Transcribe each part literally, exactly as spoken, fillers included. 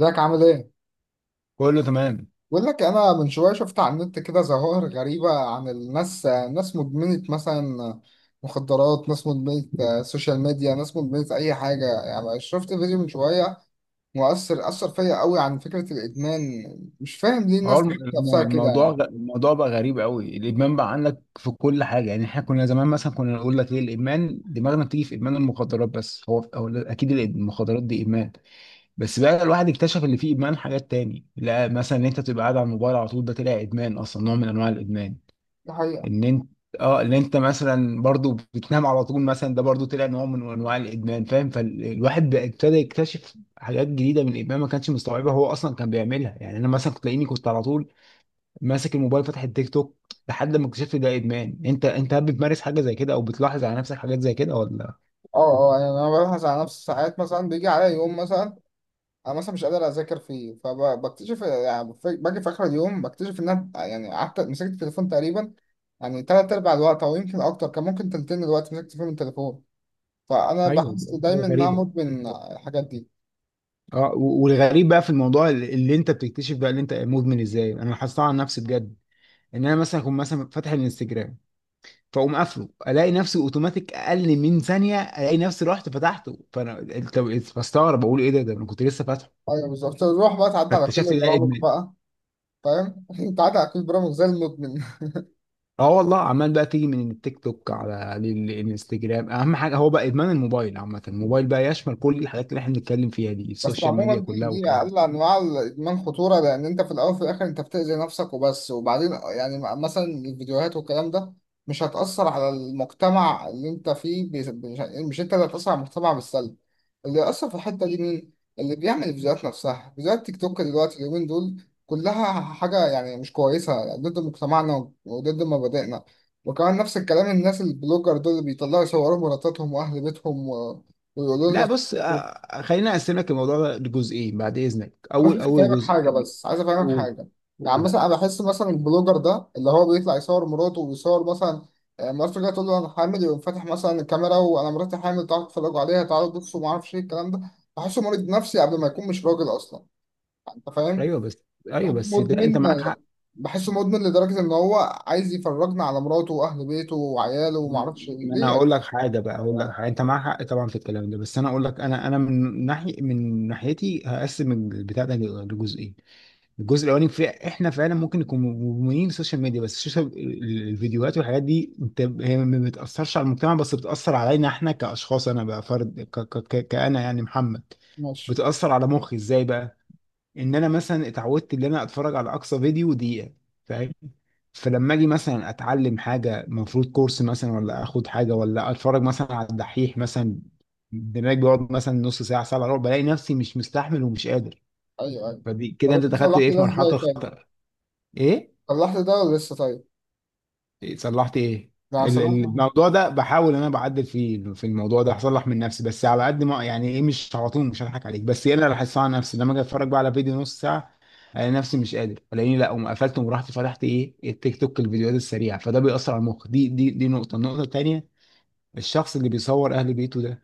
ازيك عامل ايه؟ كله تمام. بقول لك انا من شويه شفت على النت كده ظواهر غريبه عن الناس، ناس مدمنه مثلا مخدرات، ناس مدمنه آه، سوشيال ميديا، ناس مدمنه اي حاجه. يعني شفت فيديو من شويه مؤثر اثر فيا قوي عن فكره الادمان. مش فاهم ليه هو الناس الم- الم- نفسها كده الموضوع يعني. غ- الموضوع بقى غريب قوي. الادمان بقى عندك في كل حاجه، يعني احنا كنا زمان مثلا كنا نقول لك ايه الادمان؟ دماغنا بتيجي في ادمان المخدرات، بس هو هو لا- اكيد الإد- المخدرات دي ادمان. بس بقى الواحد اكتشف اللي فيه ادمان حاجات تاني، لا مثلا ان انت تبقى قاعد على الموبايل على طول، ده طلع ادمان اصلا، نوع من انواع الادمان. دي حقيقه. ان انت اه ان انت مثلا برضو بتنام على طول مثلا، ده برضو طلع نوع من انواع الادمان، فاهم؟ فالواحد بقى ابتدى يكتشف حاجات جديده من الادمان ما كانش مستوعبها، هو اصلا كان بيعملها. يعني انا مثلا كنت تلاقيني كنت على طول ماسك الموبايل فاتح التيك توك لحد ما اكتشفت ده ادمان. انت انت هل بتمارس حاجه زي كده او بتلاحظ على نفسك حاجات زي كده ولا؟ اه اه، يعني انا ببحث عن نفسي ساعات، مثلا بيجي عليا يوم مثلا انا مثلا مش قادر اذاكر فيه، فبكتشف يعني في- باجي في اخر اليوم بكتشف ان انا يعني قعدت مسكت التليفون تقريبا يعني تلات ارباع الوقت او يمكن اكتر، كان ممكن تلتين الوقت مسكت فيه من التليفون. فانا ايوه دي بحس حاجه دايما ان انا غريبه. مدمن الحاجات دي. اه و- والغريب بقى في الموضوع اللي اللي انت بتكتشف بقى اللي انت مدمن ازاي، انا لاحظتها على نفسي بجد. ان انا مثلا اكون مثلا فاتح الانستجرام، فاقوم قافله، الاقي نفسي اوتوماتيك اقل من ثانيه الاقي نفسي رحت فتحته. فانا انت بستغرب بقول ايه ده، ده انا كنت لسه فاتحه. ايوه بالظبط، تروح بقى تعدي على كل فاكتشفت إن ده البرامج ادمان. بقى. فاهم تعدي على كل البرامج زي المدمن. اه والله، عمال بقى تيجي من التيك توك على ال- الانستجرام. اهم حاجه هو بقى ادمان الموبايل عامه، الموبايل بقى يشمل كل الحاجات اللي احنا بنتكلم فيها دي، بس السوشيال ميديا عموما دي كلها دي والكلام ده. اقل انواع الادمان خطوره، لان انت في الاول وفي الاخر انت بتاذي نفسك وبس. وبعدين يعني مثلا الفيديوهات والكلام ده مش هتاثر على المجتمع اللي انت فيه. بس- مش مش انت اللي هتاثر على المجتمع بالسلب. اللي يأثر في الحته دي مين؟ اللي بيعمل الفيديوهات نفسها، فيديوهات تيك توك دلوقتي اليومين دول كلها حاجه يعني مش كويسه، ضد مجتمعنا وضد مبادئنا. وكمان نفس الكلام، الناس البلوجر دول اللي بيطلعوا يصوروا مراتاتهم واهل بيتهم و- ويقولوا لا لنا. بص، آه، خلينا اقسم لك الموضوع ده لجزئين بعد اذنك. عايز اول بس اول افهمك حاجه، جزء، بس عايز افهمك قول حاجه. يعني قول. مثلا انا بحس مثلا البلوجر ده اللي هو بيطلع يصور مراته ويصور مثلا، آه، مراته جايه تقول له انا حامل، يقوم فاتح مثلا الكاميرا وانا مراتي حامل، تعالوا تتفرجوا عليها، تعالوا بصوا، ما اعرفش ايه الكلام ده. بحسه مريض نفسي قبل ما يكون، مش راجل اصلا. يعني انت فاهم. ايوه بس، ايوه بحسه بس ده انت مدمن. معاك حق. بحسه مدمن لدرجه ان هو عايز يفرجنا على مراته واهل بيته وعياله، وما اعرفش ايه. ما انا ليه يا جدع؟ هقول لك حاجه، بقى هقول لك حاجة. انت معاك حق طبعا في الكلام ده، بس انا اقول لك، انا انا من ناحيه، من ناحيتي هقسم البتاع ده لجزئين. الجزء الاولاني في احنا فعلا ممكن نكون مدمنين السوشيال ميديا، بس السوشيال ال- الفيديوهات والحاجات دي انت، هي ما بتاثرش على المجتمع بس بتاثر علينا احنا كاشخاص. انا بقى فرد، ك ك ك- كانا يعني محمد، ماشي. بتاثر على مخي ازاي بقى؟ ان انا مثلا اتعودت ان انا اتفرج على اقصى فيديو دقيقه، فاهم؟ فلما اجي مثلا اتعلم حاجه، المفروض كورس مثلا ولا اخد حاجه ولا اتفرج مثلا على الدحيح مثلا، دماغي بيقعد مثلا نص ساعه، ساعه الا ربع، بلاقي نفسي مش مستحمل ومش قادر. ايوه ايوه. فدي طب كده انت انت دخلت صلحت ايه، في ده مرحله ازاي تاني؟ الخطر. ايه، صلحت ده ولا لسه طيب؟ صلحت ايه؟ ده ال- ال- صلحت؟ الموضوع ده بحاول انا بعدل فيه، في الموضوع ده هصلح من نفسي، بس على قد ما، يعني ايه، مش على طول، مش هضحك عليك. بس ايه، انا اللي هحسها على نفسي لما اجي اتفرج بقى على فيديو نص ساعه، الاقي نفسي مش قادر، الاقيني لا قوم قفلت ورحت فتحت ايه، التيك توك، الفيديوهات السريعه. فده بيأثر على المخ، دي دي دي نقطه. النقطه التانيه، الشخص اللي بيصور اهل بيته ده،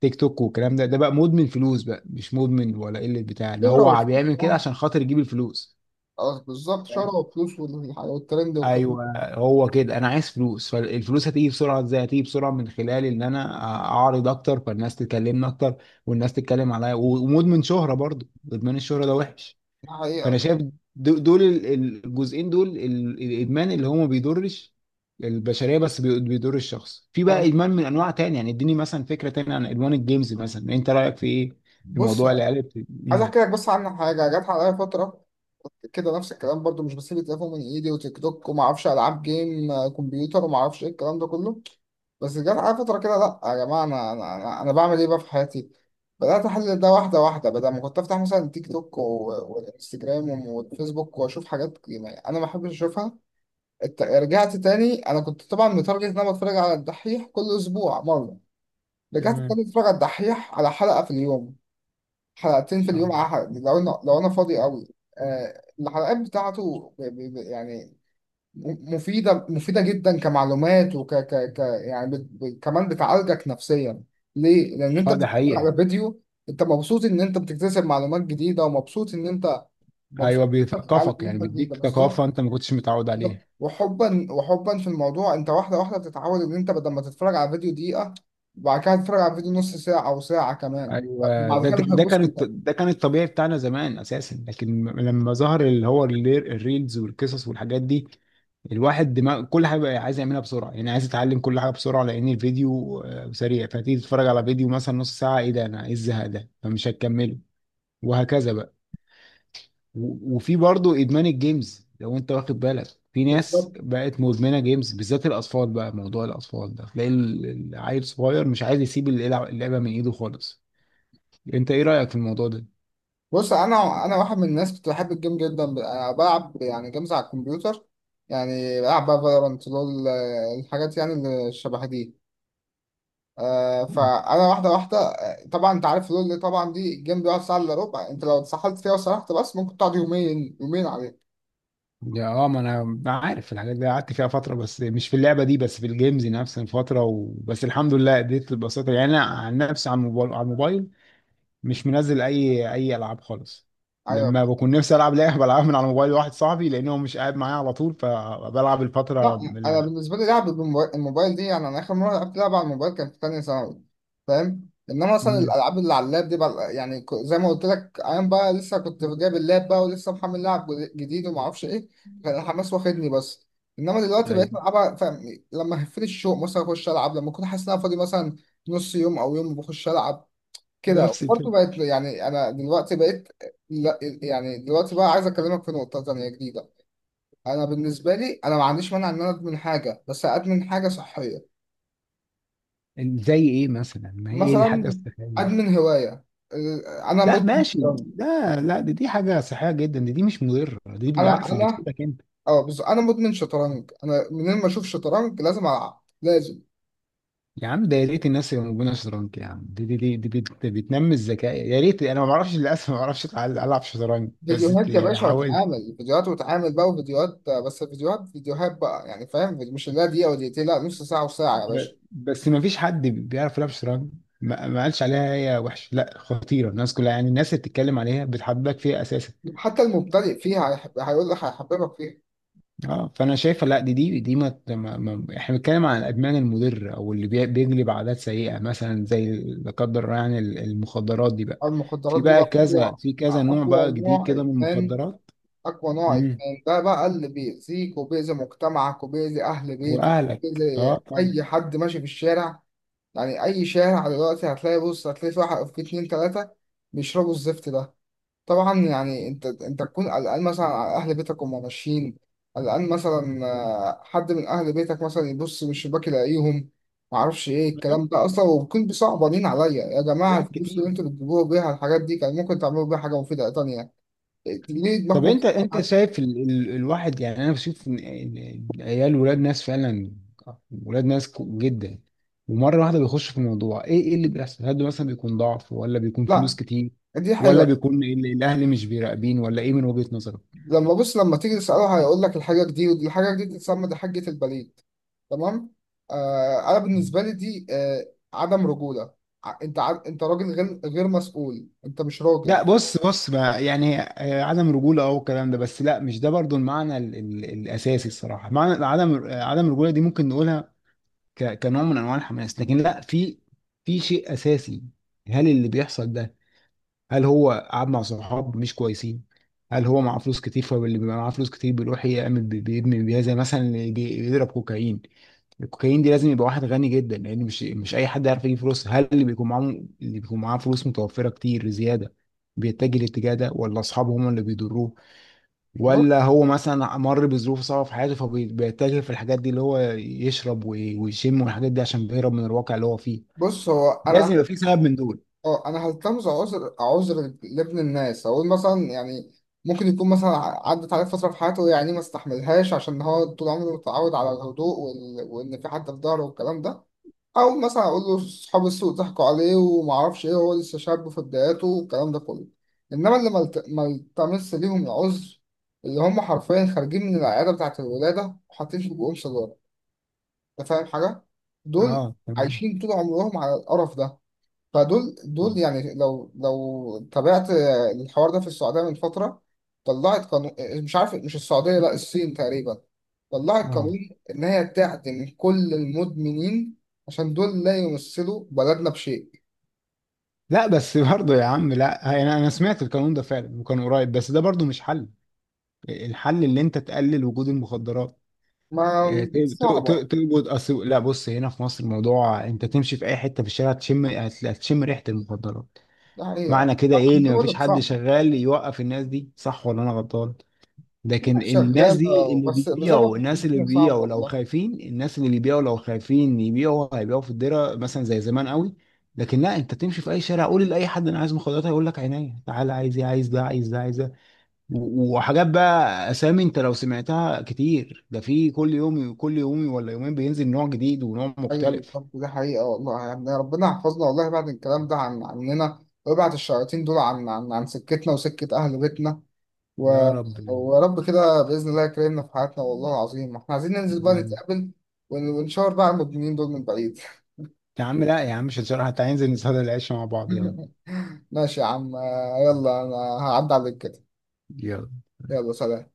تيك توك والكلام ده، ده بقى مدمن فلوس بقى، مش مدمن ولا قله، بتاع اللي شهرة ولا هو بيعمل كده شهرة؟ عشان خاطر يجيب الفلوس. اه بالظبط، شهرة وفلوس والح- والترند والكلام ده. ايوه، هو كده، انا عايز فلوس، فالفلوس هتيجي بسرعه ازاي؟ هتيجي بسرعه من خلال ان انا اعرض اكتر، فالناس تكلمني اكتر والناس تتكلم عليا، ومدمن شهره برضو، ادمان الشهره ده وحش. ده فانا حقيقة. شايف دو- دول ال- ال- الجزئين دول، ال- الادمان اللي هو ما بيضرش البشريه بس بي- بيضر الشخص. في بقى أنا، ادمان من انواع تانية، يعني اديني مثلا فكره تانية عن ادمان الجيمز مثلا، انت رايك في ايه؟ في بص موضوع العيال بت- عايز مم. أحكي لك بس عن حاجة جت عليا فترة كده، نفس الكلام برضو مش بسيب التليفون من إيدي، وتيك توك وما أعرفش ألعاب جيم آه، كمبيوتر وما أعرفش إيه الكلام ده كله. بس جت عليا فترة كده، لأ يا جماعة، أنا أنا أنا أنا بعمل إيه بقى في حياتي؟ بدأت أحلل ده واحدة واحدة، بدل ما كنت أفتح مثلا تيك توك و- والإنستجرام والفيسبوك وأشوف حاجات يعني أنا ما بحبش أشوفها. الت- رجعت تاني. أنا كنت طبعا متارجت إن أنا بتفرج على الدحيح كل أسبوع مرة. رجعت تمام. ابتديت اتفرج على الدحيح على حلقة في اليوم، حلقتين في آه. اليوم أحد لو أنا لو أنا فاضي قوي. آه، الحلقات بتاعته ب- ب- ب- يعني م- مفيدة مفيدة جدا كمعلومات، وك ك ك يعني بت ب- كمان بتعالجك نفسيا. ليه؟ لأن أنت اه ده بتتفرج حقيقه. على فيديو، أنت مبسوط إن أنت بتكتسب معلومات جديدة، ومبسوط إن أنت مبسوط ايوه إن أنت بتتعلم بيثقفك، يعني منها جديدة بيديك ثقافه بالظبط. انت ما كنتش متعود بالظبط. عليها. وحبا وحبا في الموضوع، انت واحده واحده بتتعود ان انت بدل ما تتفرج على فيديو دقيقه، بعد كده هتتفرج على فيديو نص ساعه او ساعه كمان. ايوه، بعد ده كده ده مش ده هتبص كان الط- لده. ده كان الطبيعي بتاعنا زمان اساسا، لكن م- لما ظهر اللي هو الري- الريلز والقصص والحاجات دي، الواحد دماغ كل حاجه بقى عايز يعملها بسرعه، يعني عايز يتعلم كل حاجه بسرعه، لان الفيديو آه، سريع. فتيجي تتفرج على فيديو مثلا نص ساعه، ايه ده، انا ايه الزهق ده، فمش هتكمله، وهكذا بقى. و- وفي برضه ادمان الجيمز لو انت واخد بالك، في بالظبط. ناس بقت مدمنه جيمز، بالذات الاطفال بقى، موضوع الاطفال ده تلاقي ال- العيل صغير مش عايز يسيب اللعبه اللعبة من ايده خالص. انت ايه رايك في الموضوع ده؟ بص انا انا واحد من الناس كنت بحب الجيم جدا، أنا بلعب يعني جيمز على الكمبيوتر. يعني بلعب بقى فالورانت لول، آه، الحاجات يعني اللي شبه دي. آه، فانا واحده واحده، آه، طبعا انت عارف لول اللي طبعا دي، الجيم بيقعد ساعه الا ربع، انت لو اتسحلت فيها وسرحت بس ممكن تقعد يومين يومين عليه. يا اه ما انا عارف الحاجات دي، قعدت فيها فتره، بس مش في اللعبه دي، بس في الجيمز نفس الفتره، وبس الحمد لله اديت البساطه. يعني انا عن نفسي، على الموبايل، على الموبايل مش منزل اي اي العاب خالص. ايوه. لما بكون نفسي العب لعبه بلعبها من على موبايل واحد صاحبي، لان هو مش قاعد معايا على طول، فبلعب الفتره لا، من انا ال... بالنسبه لي لعب بالموبايل الموبايل دي، يعني انا اخر مره لعبت لعبه على الموبايل كان في تانية ثانوي. فاهم. انما مثلا مم. الالعاب اللي على اللاب دي بقى، يعني ك- زي ما قلت لك، ايام بقى لسه كنت جايب اللاب بقى ولسه محمل لعب جد- جديد وما اعرفش ايه، كان الحماس واخدني بس. انما دلوقتي ايوه، بقيت العبها، فاهم، لما هفيت الشوق مثلا اخش العب، لما اكون حاسس ان انا فاضي مثلا نص يوم او يوم بخش العب كده. نفس الفكره. وبرضه بقيت يعني انا دلوقتي بقيت. لا يعني دلوقتي بقى عايز اكلمك في نقطه تانية جديده. انا بالنسبه لي، انا ما عنديش مانع ان انا ادمن حاجه، بس ادمن حاجه صحيه. زي ايه مثلا، ما هي ايه مثلا الحاجه الصحيه؟ ادمن هوايه، آه، انا لا مدمن ماشي. شطرنج. لا لا، دي، دي حاجه صحيه جدا، دي، دي مش مضره، دي انا بالعكس دي انا بتفيدك انت. اه بص انا مدمن شطرنج، انا منين ما اشوف شطرنج لازم العب لازم. يا عم ده يا ريت الناس اللي موجوده شطرنج، يا عم دي دي دي, دي بت- بتنمي الذكاء. يا ريت، انا ما بعرفش، للاسف ما بعرفش أتع- العب شطرنج، بس فيديوهات يا يعني باشا، حاولت. واتعامل فيديوهات، واتعامل بقى وفيديوهات، آه، بس فيديوهات فيديوهات بقى، يعني فاهم، مش اللي هي دقيقه ودقيقتين، لا نص ساعه وساعه يا ب- باشا. بس ما فيش حد بيعرف يلعب شطرنج. ما, ما قالش عليها هي وحش، لا خطيره، الناس كلها يعني الناس اللي بتتكلم عليها بتحبك فيها اساسا. حتى المبتدئ فيها هيحب- هيقول لك هيحببك فيها. اه فانا شايفه، لا دي دي دي ما, ما, ما احنا بنتكلم عن الادمان المضر او اللي بي- بيجلب عادات سيئه مثلا، زي لا قدر الله، يعني ال- المخدرات دي بقى، في المخدرات دي بقى بقى كذا، اقوى. في كذا نوع بقى اقوى جديد نوع كده من ادمان. المخدرات. أقوى نوع إدمان ده بقى اللي بيأذيك وبيأذي مجتمعك وبيأذي أهل بيتك واهلك، وبيأذي اه طبعا، أي حد ماشي في الشارع. يعني أي شارع دلوقتي هتلاقي، بص هتلاقي في واحد في اتنين تلاتة بيشربوا الزفت ده. طبعا يعني أنت أنت تكون قلقان مثلا على أهل بيتك وهم ماشيين، قلقان مثلا، آه، حد من أهل بيتك مثلا يبص من الشباك يلاقيهم، معرفش إيه الكلام ده أصلا. وبكون بصعبانين عليا، يا جماعة حاجات الفلوس اللي كتير. أنتوا بتجيبوها بيها الحاجات دي كان ممكن تعملوا بيها حاجة مفيدة تانية. ليه طب دماغكم؟ انت، انت شايف، ال... ال... الواحد يعني، انا بشوف ان إن عيال ولاد ناس فعلا، ولاد ناس كو- جدا، ومره واحده بيخش في الموضوع، ايه ايه اللي بيحصل؟ هل ده مثلا بيكون ضعف، ولا بيكون فلوس لا كتير، دي ولا حاجة. بيكون ال... الاهل مش بيراقبين، ولا ايه من وجهة نظرك؟ لما بص لما تيجي تسأله هيقول لك الحاجة دي، ودي الحاجة دي تتسمى دي حاجة البليد. تمام. آه أنا مم. بالنسبة لي دي، آه عدم رجولة. ع- أنت ع... أنت راجل، غير غير مسؤول، أنت مش راجل. لا بص، بص بقى يعني، آه، عدم رجوله او الكلام ده، بس لا مش ده برضو المعنى ال... ال... الاساسي. الصراحه معنى عدم آه، عدم الرجوله دي ممكن نقولها ك- كنوع من انواع الحماس، لكن لا، في في شيء اساسي. هل اللي بيحصل ده، هل هو قعد مع صحاب مش كويسين، هل هو معاه فلوس كتير، فاللي بيبقى معاه فلوس كتير بيروح يعمل بي- بيبني بيها، زي مثلا اللي بي- بيضرب كوكايين، الكوكايين دي لازم يبقى واحد غني جدا، لان مش مش اي حد يعرف يجيب فلوس. هل اللي بيكون معاه، اللي بيكون معاه فلوس متوفره كتير زياده بيتجه الاتجاه ده، ولا اصحابه هم اللي بيضروه، ولا بص هو مثلا مر بظروف صعبة في حياته فبيتجه في الحاجات دي اللي هو يشرب وي- ويشم والحاجات دي عشان بيهرب من الواقع اللي هو فيه. بص هو أنا، لازم يبقى في سبب من دول. آه أنا هلتمس عذر عذر لابن الناس، أقول مثلا يعني ممكن يكون مثلا ع- عدت عليه فترة في حياته، يعني ما استحملهاش عشان هو طول عمره متعود على الهدوء، وال... وإن في حد في ظهره والكلام ده، او مثلا اقول له اصحاب السوق ضحكوا عليه وما اعرفش ايه، هو لسه شاب في بداياته والكلام ده كله. انما اللي ملت- ما التمس ليهم العذر، اللي هم حرفيا خارجين من العياده بتاعه الولاده وحاطين في بقهم سيجاره. انت فاهم حاجه، دول اه تمام. عايشين طول عمرهم على القرف ده. فدول دول يعني، لو لو تابعت الحوار ده في السعوديه من فتره طلعت قانون، مش عارف، مش السعوديه، لا الصين تقريبا، طلعت اه قانون إن هي تعدم كل المدمنين، عشان دول لا يمثلوا بلدنا بشيء. لا بس برضه يا عم، لا انا انا سمعت القانون ده فعلا وكان قريب، بس ده برضه مش حل، الحل اللي انت تقلل وجود المخدرات. ما آه، ت- ت- صعبة، ت- توجد أصل. لا بص، هنا في مصر الموضوع انت تمشي في اي حته في الشارع تشم، هت- هتشم ريحه المخدرات. يعني أنا معنى كده ايه، ان بقول مفيش لك حد صعبة. شغال يوقف الناس دي، صح ولا انا غلطان؟ في لكن ناس الناس دي شغالة، اللي بس زي ما بيبيعوا، قلت الناس اللي الدنيا صعبة بيبيعوا لو والله. خايفين، الناس اللي بيبيعوا لو خايفين يبيعوا، هيبيعوا في الدره مثلا زي زمان قوي. لكن لا، انت تمشي في اي شارع قول لاي حد انا عايز مخدرات، هيقول لك عينيا، تعالى، عايز ايه، عايز ده عايز ده عايز ده. و- وحاجات بقى اسامي انت لو سمعتها كتير، ده في كل يوم، كل يوم ولا يومين بينزل نوع جديد ونوع أيوه مختلف. بالظبط دي حقيقة والله. يعني ربنا يحفظنا والله بعد الكلام ده عن عننا، ويبعد الشياطين دول عن عن, عن سكتنا وسكة أهل بيتنا، و... يا رب. ورب كده بإذن الله يكرمنا في حياتنا والله العظيم. إحنا عايزين ننزل بقى يا رب. نتقابل ون- ونشاور بقى على المدمنين دول من بعيد. يا عم لا يا عم مش هنشرح، حتى هينزل نصلي العشاء مع بعض، يلا ماشي يا عم، آه، يلا انا هعدي عليك كده. يلا. يلا سلام.